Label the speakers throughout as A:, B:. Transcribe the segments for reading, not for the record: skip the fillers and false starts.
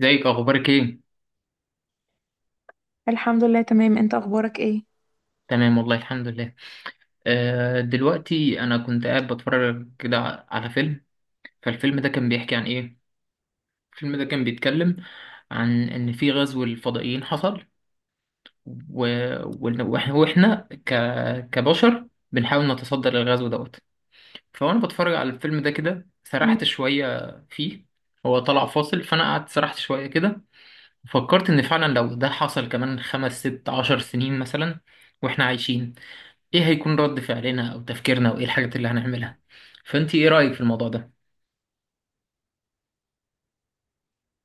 A: ازيك، اخبارك ايه؟
B: الحمد لله، تمام. انت اخبارك ايه؟
A: تمام والله، الحمد لله. آه، دلوقتي انا كنت قاعد بتفرج كده على فيلم. فالفيلم ده كان بيحكي عن ايه؟ الفيلم ده كان بيتكلم عن ان في غزو الفضائيين حصل، و... وإن- واحنا وإحنا ك... كبشر بنحاول نتصدى للغزو دوت. فانا بتفرج على الفيلم ده كده، سرحت شوية فيه. هو طلع فاصل، فانا قعدت سرحت شوية كده. فكرت ان فعلا لو ده حصل كمان خمس ست عشر سنين مثلا، واحنا عايشين، ايه هيكون رد فعلنا او تفكيرنا، وايه الحاجات اللي هنعملها؟ فانت ايه رأيك في الموضوع ده؟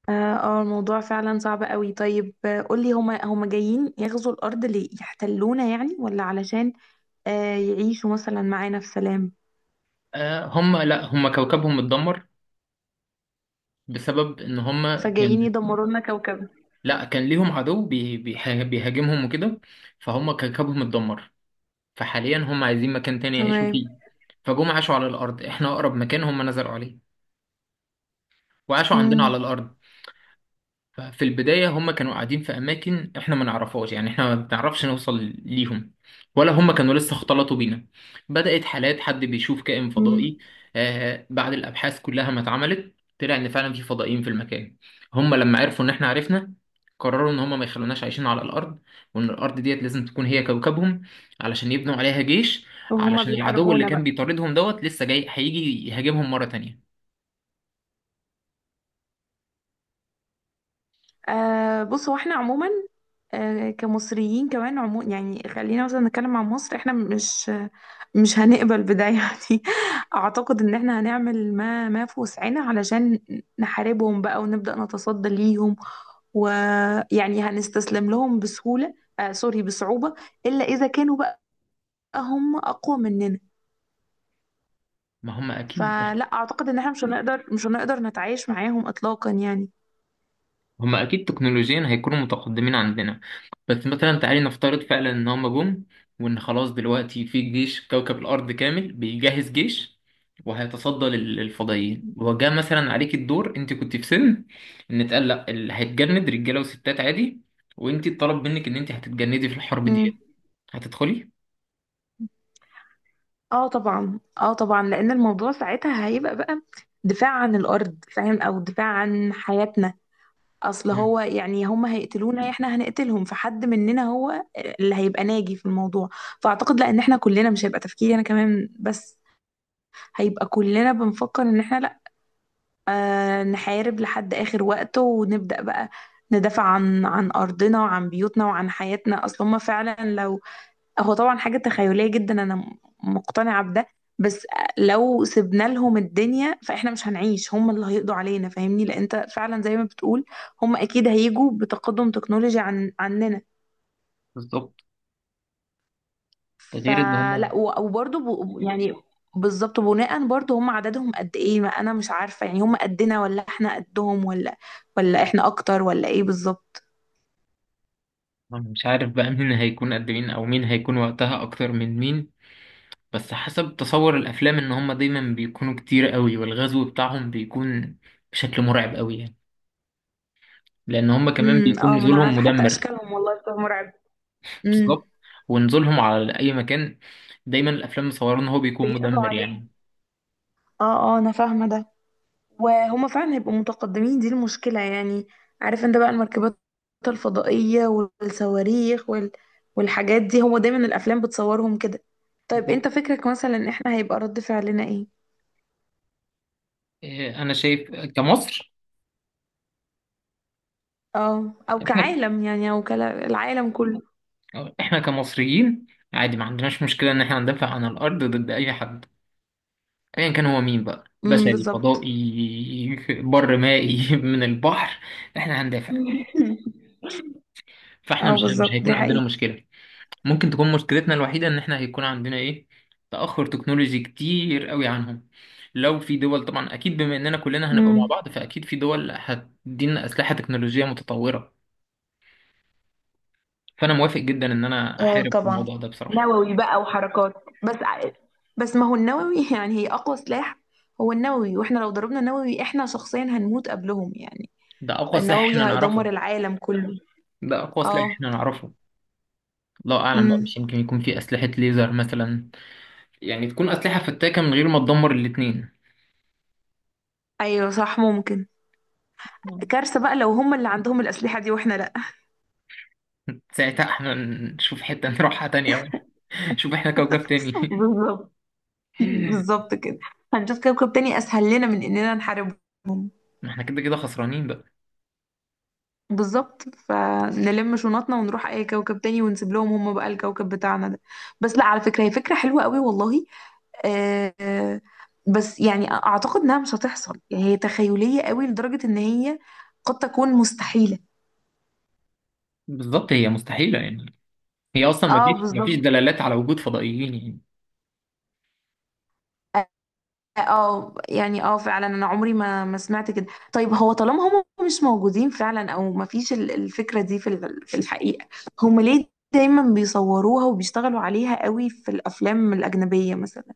B: الموضوع فعلا صعب قوي. طيب، قولي، هما جايين يغزوا الارض ليه؟ يحتلونا يعني، ولا علشان يعيشوا مثلا معانا في سلام؟
A: آه، هم لا هم كوكبهم اتدمر بسبب ان هم كان.
B: فجايين يدمروا لنا كوكبنا؟
A: لا، كان ليهم عدو بيهاجمهم وكده. فهم كوكبهم اتدمر، فحاليا هم عايزين مكان تاني يعيشوا
B: تمام.
A: فيه. فجم عاشوا على الارض، احنا اقرب مكان هم نزلوا عليه، وعاشوا عندنا على
B: امم.
A: الارض. ففي البداية هم كانوا قاعدين في أماكن إحنا ما نعرفهاش، يعني إحنا ما بنعرفش نوصل ليهم، ولا هم كانوا لسه اختلطوا بينا. بدأت حالات حد بيشوف كائن
B: امم.
A: فضائي. آه، بعد الأبحاث كلها ما اتعملت، طلع إن فعلا في فضائيين في المكان. هم لما عرفوا إن إحنا عرفنا، قرروا إن هم ما يخلوناش عايشين على الأرض، وإن الأرض ديت لازم تكون هي كوكبهم، علشان يبنوا عليها جيش،
B: وهما
A: علشان العدو اللي
B: بيحاربونا
A: كان
B: بقى؟
A: بيطاردهم دوت لسه جاي هيجي يهاجمهم مرة تانية.
B: بص، هو احنا عموما، كمصريين كمان عموما يعني، خلينا مثلا نتكلم عن مصر، احنا مش هنقبل بده يعني. اعتقد ان احنا هنعمل ما في وسعنا علشان نحاربهم بقى، ونبدأ نتصدى ليهم. ويعني هنستسلم لهم بسهولة؟ آه سوري، بصعوبة. إلا إذا كانوا بقى هم أقوى مننا.
A: ما هم أكيد.
B: فلا، أعتقد إن احنا مش هنقدر نتعايش معاهم إطلاقا يعني.
A: هما اكيد تكنولوجيا هيكونوا متقدمين عندنا، بس مثلا تعالي نفترض فعلا ان هما جم، وان خلاص دلوقتي في جيش كوكب الارض كامل بيجهز جيش، وهيتصدى للفضائيين. وجاء مثلا عليك الدور، انت كنت في سن ان اتقال لا اللي هيتجند رجاله وستات عادي، وانت اتطلب منك ان انت هتتجندي في الحرب
B: مم.
A: دي. هتدخلي؟
B: اه طبعا، اه طبعا، لان الموضوع ساعتها هيبقى بقى دفاع عن الارض، فاهم؟ او دفاع عن حياتنا. اصل
A: مم.
B: هو يعني، هم هيقتلونا، احنا هنقتلهم، فحد مننا هو اللي هيبقى ناجي في الموضوع. فاعتقد لا، ان احنا كلنا مش هيبقى تفكيري انا كمان بس، هيبقى كلنا بنفكر ان احنا لا، نحارب لحد اخر وقت، ونبدأ بقى ندافع عن ارضنا، وعن بيوتنا، وعن حياتنا. اصل هم فعلا لو... هو طبعا حاجة تخيلية جدا، أنا مقتنعة بده. بس لو سيبنا لهم الدنيا فإحنا مش هنعيش، هم اللي هيقضوا علينا، فاهمني؟ لأن أنت فعلا زي ما بتقول، هم أكيد هيجوا بتقدم تكنولوجي عن عننا.
A: بالظبط. ده غير ان
B: فلا،
A: هما.
B: وبرضه يعني، بالظبط، بناء برضه هم عددهم قد إيه؟ ما أنا مش عارفة يعني، هم قدنا ولا إحنا قدهم، ولا إحنا أكتر، ولا إيه بالظبط؟
A: أنا مش عارف بقى مين هيكون قد مين او مين هيكون وقتها اكتر من مين، بس حسب تصور الافلام ان هم دايما بيكونوا كتير قوي، والغزو بتاعهم بيكون بشكل مرعب قوي يعني، لان هم كمان
B: امم.
A: بيكون
B: اه، ما أنا
A: نزولهم
B: عارفة حتى
A: مدمر.
B: أشكالهم والله بتبقى مرعبة.
A: بالظبط.
B: امم.
A: ونزولهم على اي مكان دايما الافلام مصوره ان هو بيكون
B: بيقضوا
A: مدمر
B: عليه.
A: يعني.
B: اه اه، أنا فاهمة ده، وهما فعلا هيبقوا متقدمين، دي المشكلة يعني. عارف انت بقى المركبات الفضائية والصواريخ وال... والحاجات دي، هما دايما الأفلام بتصورهم كده. طيب
A: بالظبط.
B: انت فكرك مثلا احنا هيبقى رد فعلنا ايه؟
A: إيه، انا شايف كمصر،
B: اه، او
A: احنا
B: كعالم يعني، او كالعالم كله.
A: احنا كمصريين عادي ما عندناش مشكله ان احنا ندافع عن الارض ضد اي حد، ايا كان هو مين بقى،
B: امم.
A: بشري
B: بالظبط.
A: فضائي بر مائي من البحر، احنا هندافع. فاحنا
B: اه
A: مش
B: بالظبط،
A: هيكون
B: دي
A: عندنا
B: حقيقة.
A: مشكله. ممكن تكون مشكلتنا الوحيدة إن إحنا هيكون عندنا إيه، تأخر تكنولوجي كتير قوي عنهم. لو في دول، طبعا أكيد بما إننا كلنا هنبقى مع
B: امم.
A: بعض، فأكيد في دول هتدينا أسلحة تكنولوجية متطورة. فأنا موافق جدا إن أنا
B: اه
A: أحارب في
B: طبعا.
A: الموضوع ده بصراحة.
B: نووي بقى وحركات، بس بس ما هو النووي يعني، هي أقوى سلاح. هو النووي، واحنا لو ضربنا نووي احنا شخصيا هنموت قبلهم يعني.
A: ده أقوى سلاح
B: النووي
A: إحنا نعرفه.
B: هيدمر العالم كله.
A: ده أقوى سلاح
B: اه.
A: إحنا نعرفه. الله أعلم بقى،
B: امم.
A: مش يمكن يكون في أسلحة ليزر مثلا، يعني تكون أسلحة فتاكة من غير ما تدمر الاتنين.
B: ايوه صح، ممكن.
A: مم.
B: كارثة بقى لو هم اللي عندهم الأسلحة دي واحنا لا.
A: ساعتها احنا نشوف حتة نروحها تانية، نشوف احنا كوكب تاني.
B: بالظبط، بالظبط كده. هنشوف كوكب تاني أسهل لنا من إننا نحاربهم.
A: ما احنا كده كده خسرانين بقى.
B: بالظبط، فنلم شنطنا ونروح أي كوكب تاني، ونسيب لهم هم بقى الكوكب بتاعنا ده. بس لا، على فكرة هي فكرة حلوة قوي والله. آه آه، بس يعني أعتقد إنها مش هتحصل يعني، هي تخيلية قوي لدرجة إن هي قد تكون مستحيلة.
A: بالظبط، هي مستحيلة يعني. هي أصلا
B: اه
A: مفيش
B: بالظبط.
A: دلالات على وجود فضائيين يعني.
B: اه يعني، اه فعلا انا عمري ما سمعت كده. طيب هو طالما هم مش موجودين فعلا، او ما فيش الفكره دي في في الحقيقه، هم ليه دايما بيصوروها وبيشتغلوا عليها قوي في الافلام الاجنبيه مثلا؟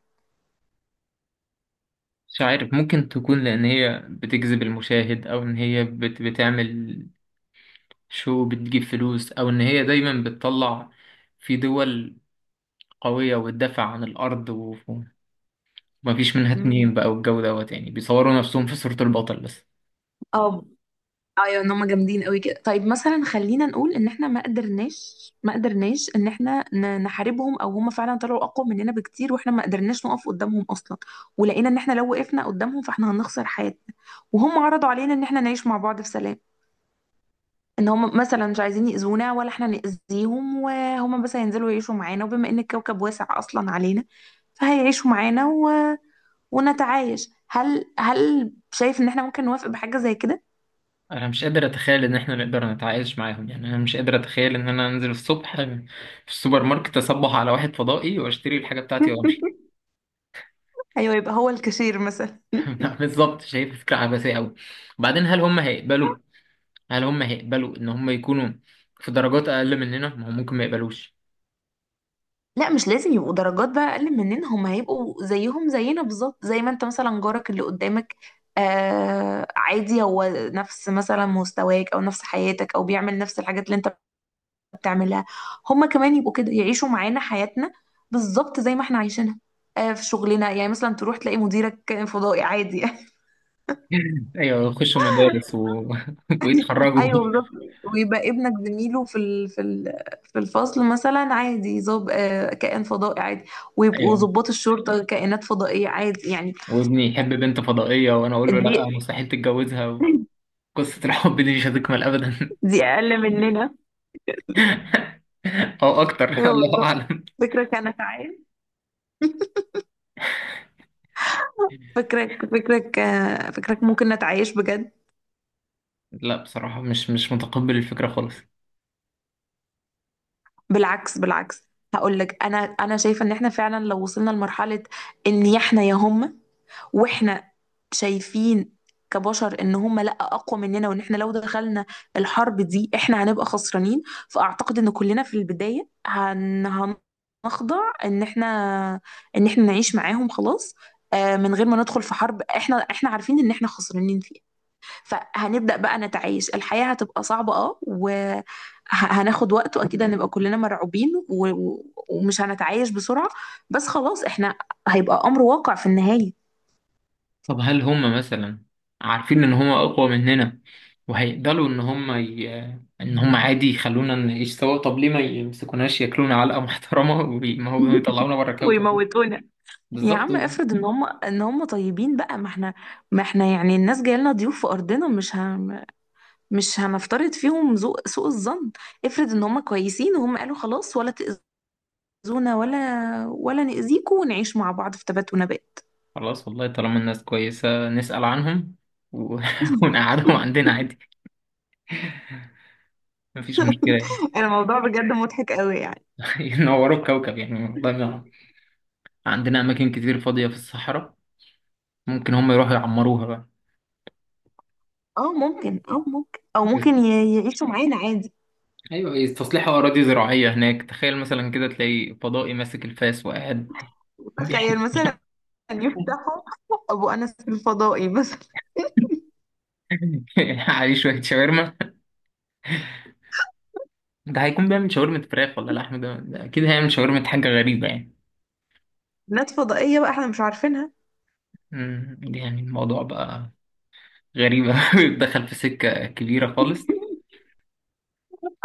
A: مش عارف، ممكن تكون لأن هي بتجذب المشاهد، أو إن هي بتعمل شو، بتجيب فلوس، أو إن هي دايما بتطلع في دول قوية وتدافع عن الأرض ومفيش منها اتنين
B: مم.
A: بقى والجو دوت، يعني بيصوروا نفسهم في صورة البطل بس.
B: اه ايوه، ان هم جامدين قوي كده. طيب مثلا خلينا نقول ان احنا ما قدرناش ان احنا نحاربهم، او هم فعلا طلعوا اقوى مننا بكتير، واحنا ما قدرناش نقف قدامهم اصلا، ولقينا ان احنا لو وقفنا قدامهم فاحنا هنخسر حياتنا. وهم عرضوا علينا ان احنا نعيش مع بعض في سلام، ان هم مثلا مش عايزين يأذونا ولا احنا نأذيهم، وهم بس هينزلوا يعيشوا معانا، وبما ان الكوكب واسع اصلا علينا فهيعيشوا معانا ونتعايش. هل شايف ان احنا ممكن نوافق بحاجة زي كده؟
A: أنا مش قادر أتخيل إن إحنا نقدر نتعايش معاهم، يعني أنا مش قادر أتخيل إن أنا أنزل الصبح في السوبر ماركت، أصبح على واحد فضائي وأشتري الحاجة بتاعتي وأمشي.
B: ايوه، يبقى هو الكاشير مثلا.
A: بالظبط، شايف فكرة عبثية أوي. وبعدين، هل هم هيقبلوا إن هم يكونوا في درجات أقل مننا، ما هو ممكن ما يقبلوش.
B: لا، مش لازم يبقوا درجات بقى اقل مننا، هم هيبقوا زيهم زينا بالظبط، زي ما انت مثلا جارك اللي قدامك، عادي، هو نفس مثلا مستواك، او نفس حياتك، او بيعمل نفس الحاجات اللي انت بتعملها. هم كمان يبقوا كده، يعيشوا معانا حياتنا بالظبط زي ما احنا عايشينها. في شغلنا يعني، مثلا تروح تلاقي مديرك فضائي، عادي يعني.
A: أيوة، يخشوا مدارس ويتخرجوا.
B: ايوه بالظبط. ويبقى ابنك زميله في في الفصل مثلا، عادي، ظاب كائن فضائي عادي. ويبقوا
A: أيوة،
B: ضباط الشرطة كائنات فضائية، عادي يعني.
A: وابني يحب بنت فضائية وأنا أقول له
B: دي
A: لأ، مستحيل تتجوزها. قصة الحب دي مش هتكمل أبدا.
B: دي اقل مننا.
A: أو أكتر
B: ايوه
A: الله
B: بالظبط.
A: أعلم.
B: فكرك انا... تعال فكرك ممكن نتعايش بجد؟
A: لا بصراحة مش متقبل الفكرة خالص.
B: بالعكس بالعكس، هقول لك، انا شايفه ان احنا فعلا لو وصلنا لمرحله ان احنا يا هم، واحنا شايفين كبشر ان هم لا اقوى مننا، وان احنا لو دخلنا الحرب دي احنا هنبقى خسرانين، فاعتقد ان كلنا في البدايه هنخضع ان احنا نعيش معاهم خلاص، من غير ما ندخل في حرب احنا عارفين ان احنا خسرانين فيها، فهنبدأ بقى نتعايش. الحياة هتبقى صعبة اه، وهناخد وقت، واكيد هنبقى كلنا مرعوبين ومش هنتعايش بسرعة، بس خلاص احنا هيبقى امر واقع في النهاية.
A: طب هل هم مثلا عارفين ان هم اقوى مننا، وهيقدروا ان ان هم عادي يخلونا نعيش سوا؟ طب ليه ما يمسكوناش ياكلونا علقة محترمة ويطلعونا بره الكوكب.
B: ويموتونا. يا
A: بالظبط.
B: عم افرض ان هم طيبين بقى، ما احنا يعني، الناس جايه لنا ضيوف في ارضنا، مش مش هنفترض فيهم ذوق سوء الظن. افرض ان هم كويسين، وهم قالوا خلاص ولا تأذونا ولا نأذيكوا، ونعيش مع بعض في تبات ونبات.
A: خلاص والله، طالما الناس كويسة نسأل عنهم و... ونقعدهم عندنا عادي، مفيش مشكلة يعني.
B: الموضوع بجد مضحك قوي يعني.
A: ينوروا الكوكب يعني، والله عندنا أماكن كتير فاضية في الصحراء، ممكن هم يروحوا يعمروها بقى.
B: اه ممكن، اه ممكن، او ممكن يعيشوا معانا عادي.
A: ايوه، هي تصليح اراضي زراعيه هناك. تخيل مثلا كده تلاقي فضائي ماسك الفاس وقاعد
B: تخيل
A: بيحكي
B: مثلا، يفتحوا ابو انس الفضائي مثلا.
A: عليه شويه شاورما. ده هيكون بيعمل شاورما فراخ ولا لحم؟ ده اكيد هيعمل شاورما حاجه غريبه يعني.
B: بنات فضائية بقى احنا مش عارفينها.
A: يعني الموضوع بقى غريبه دخل في سكه كبيره خالص.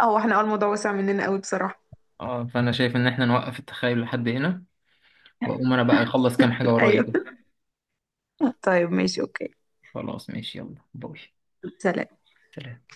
B: او احنا اه، الموضوع وسع مننا قوي بصراحة.
A: اه فانا شايف ان احنا نوقف التخيل لحد هنا، واقوم انا بقى اخلص كام حاجه ورايا
B: ايوه.
A: كده.
B: طيب ماشي، اوكي.
A: خلاص ماشي، يلا باي.
B: سلام.
A: سلام.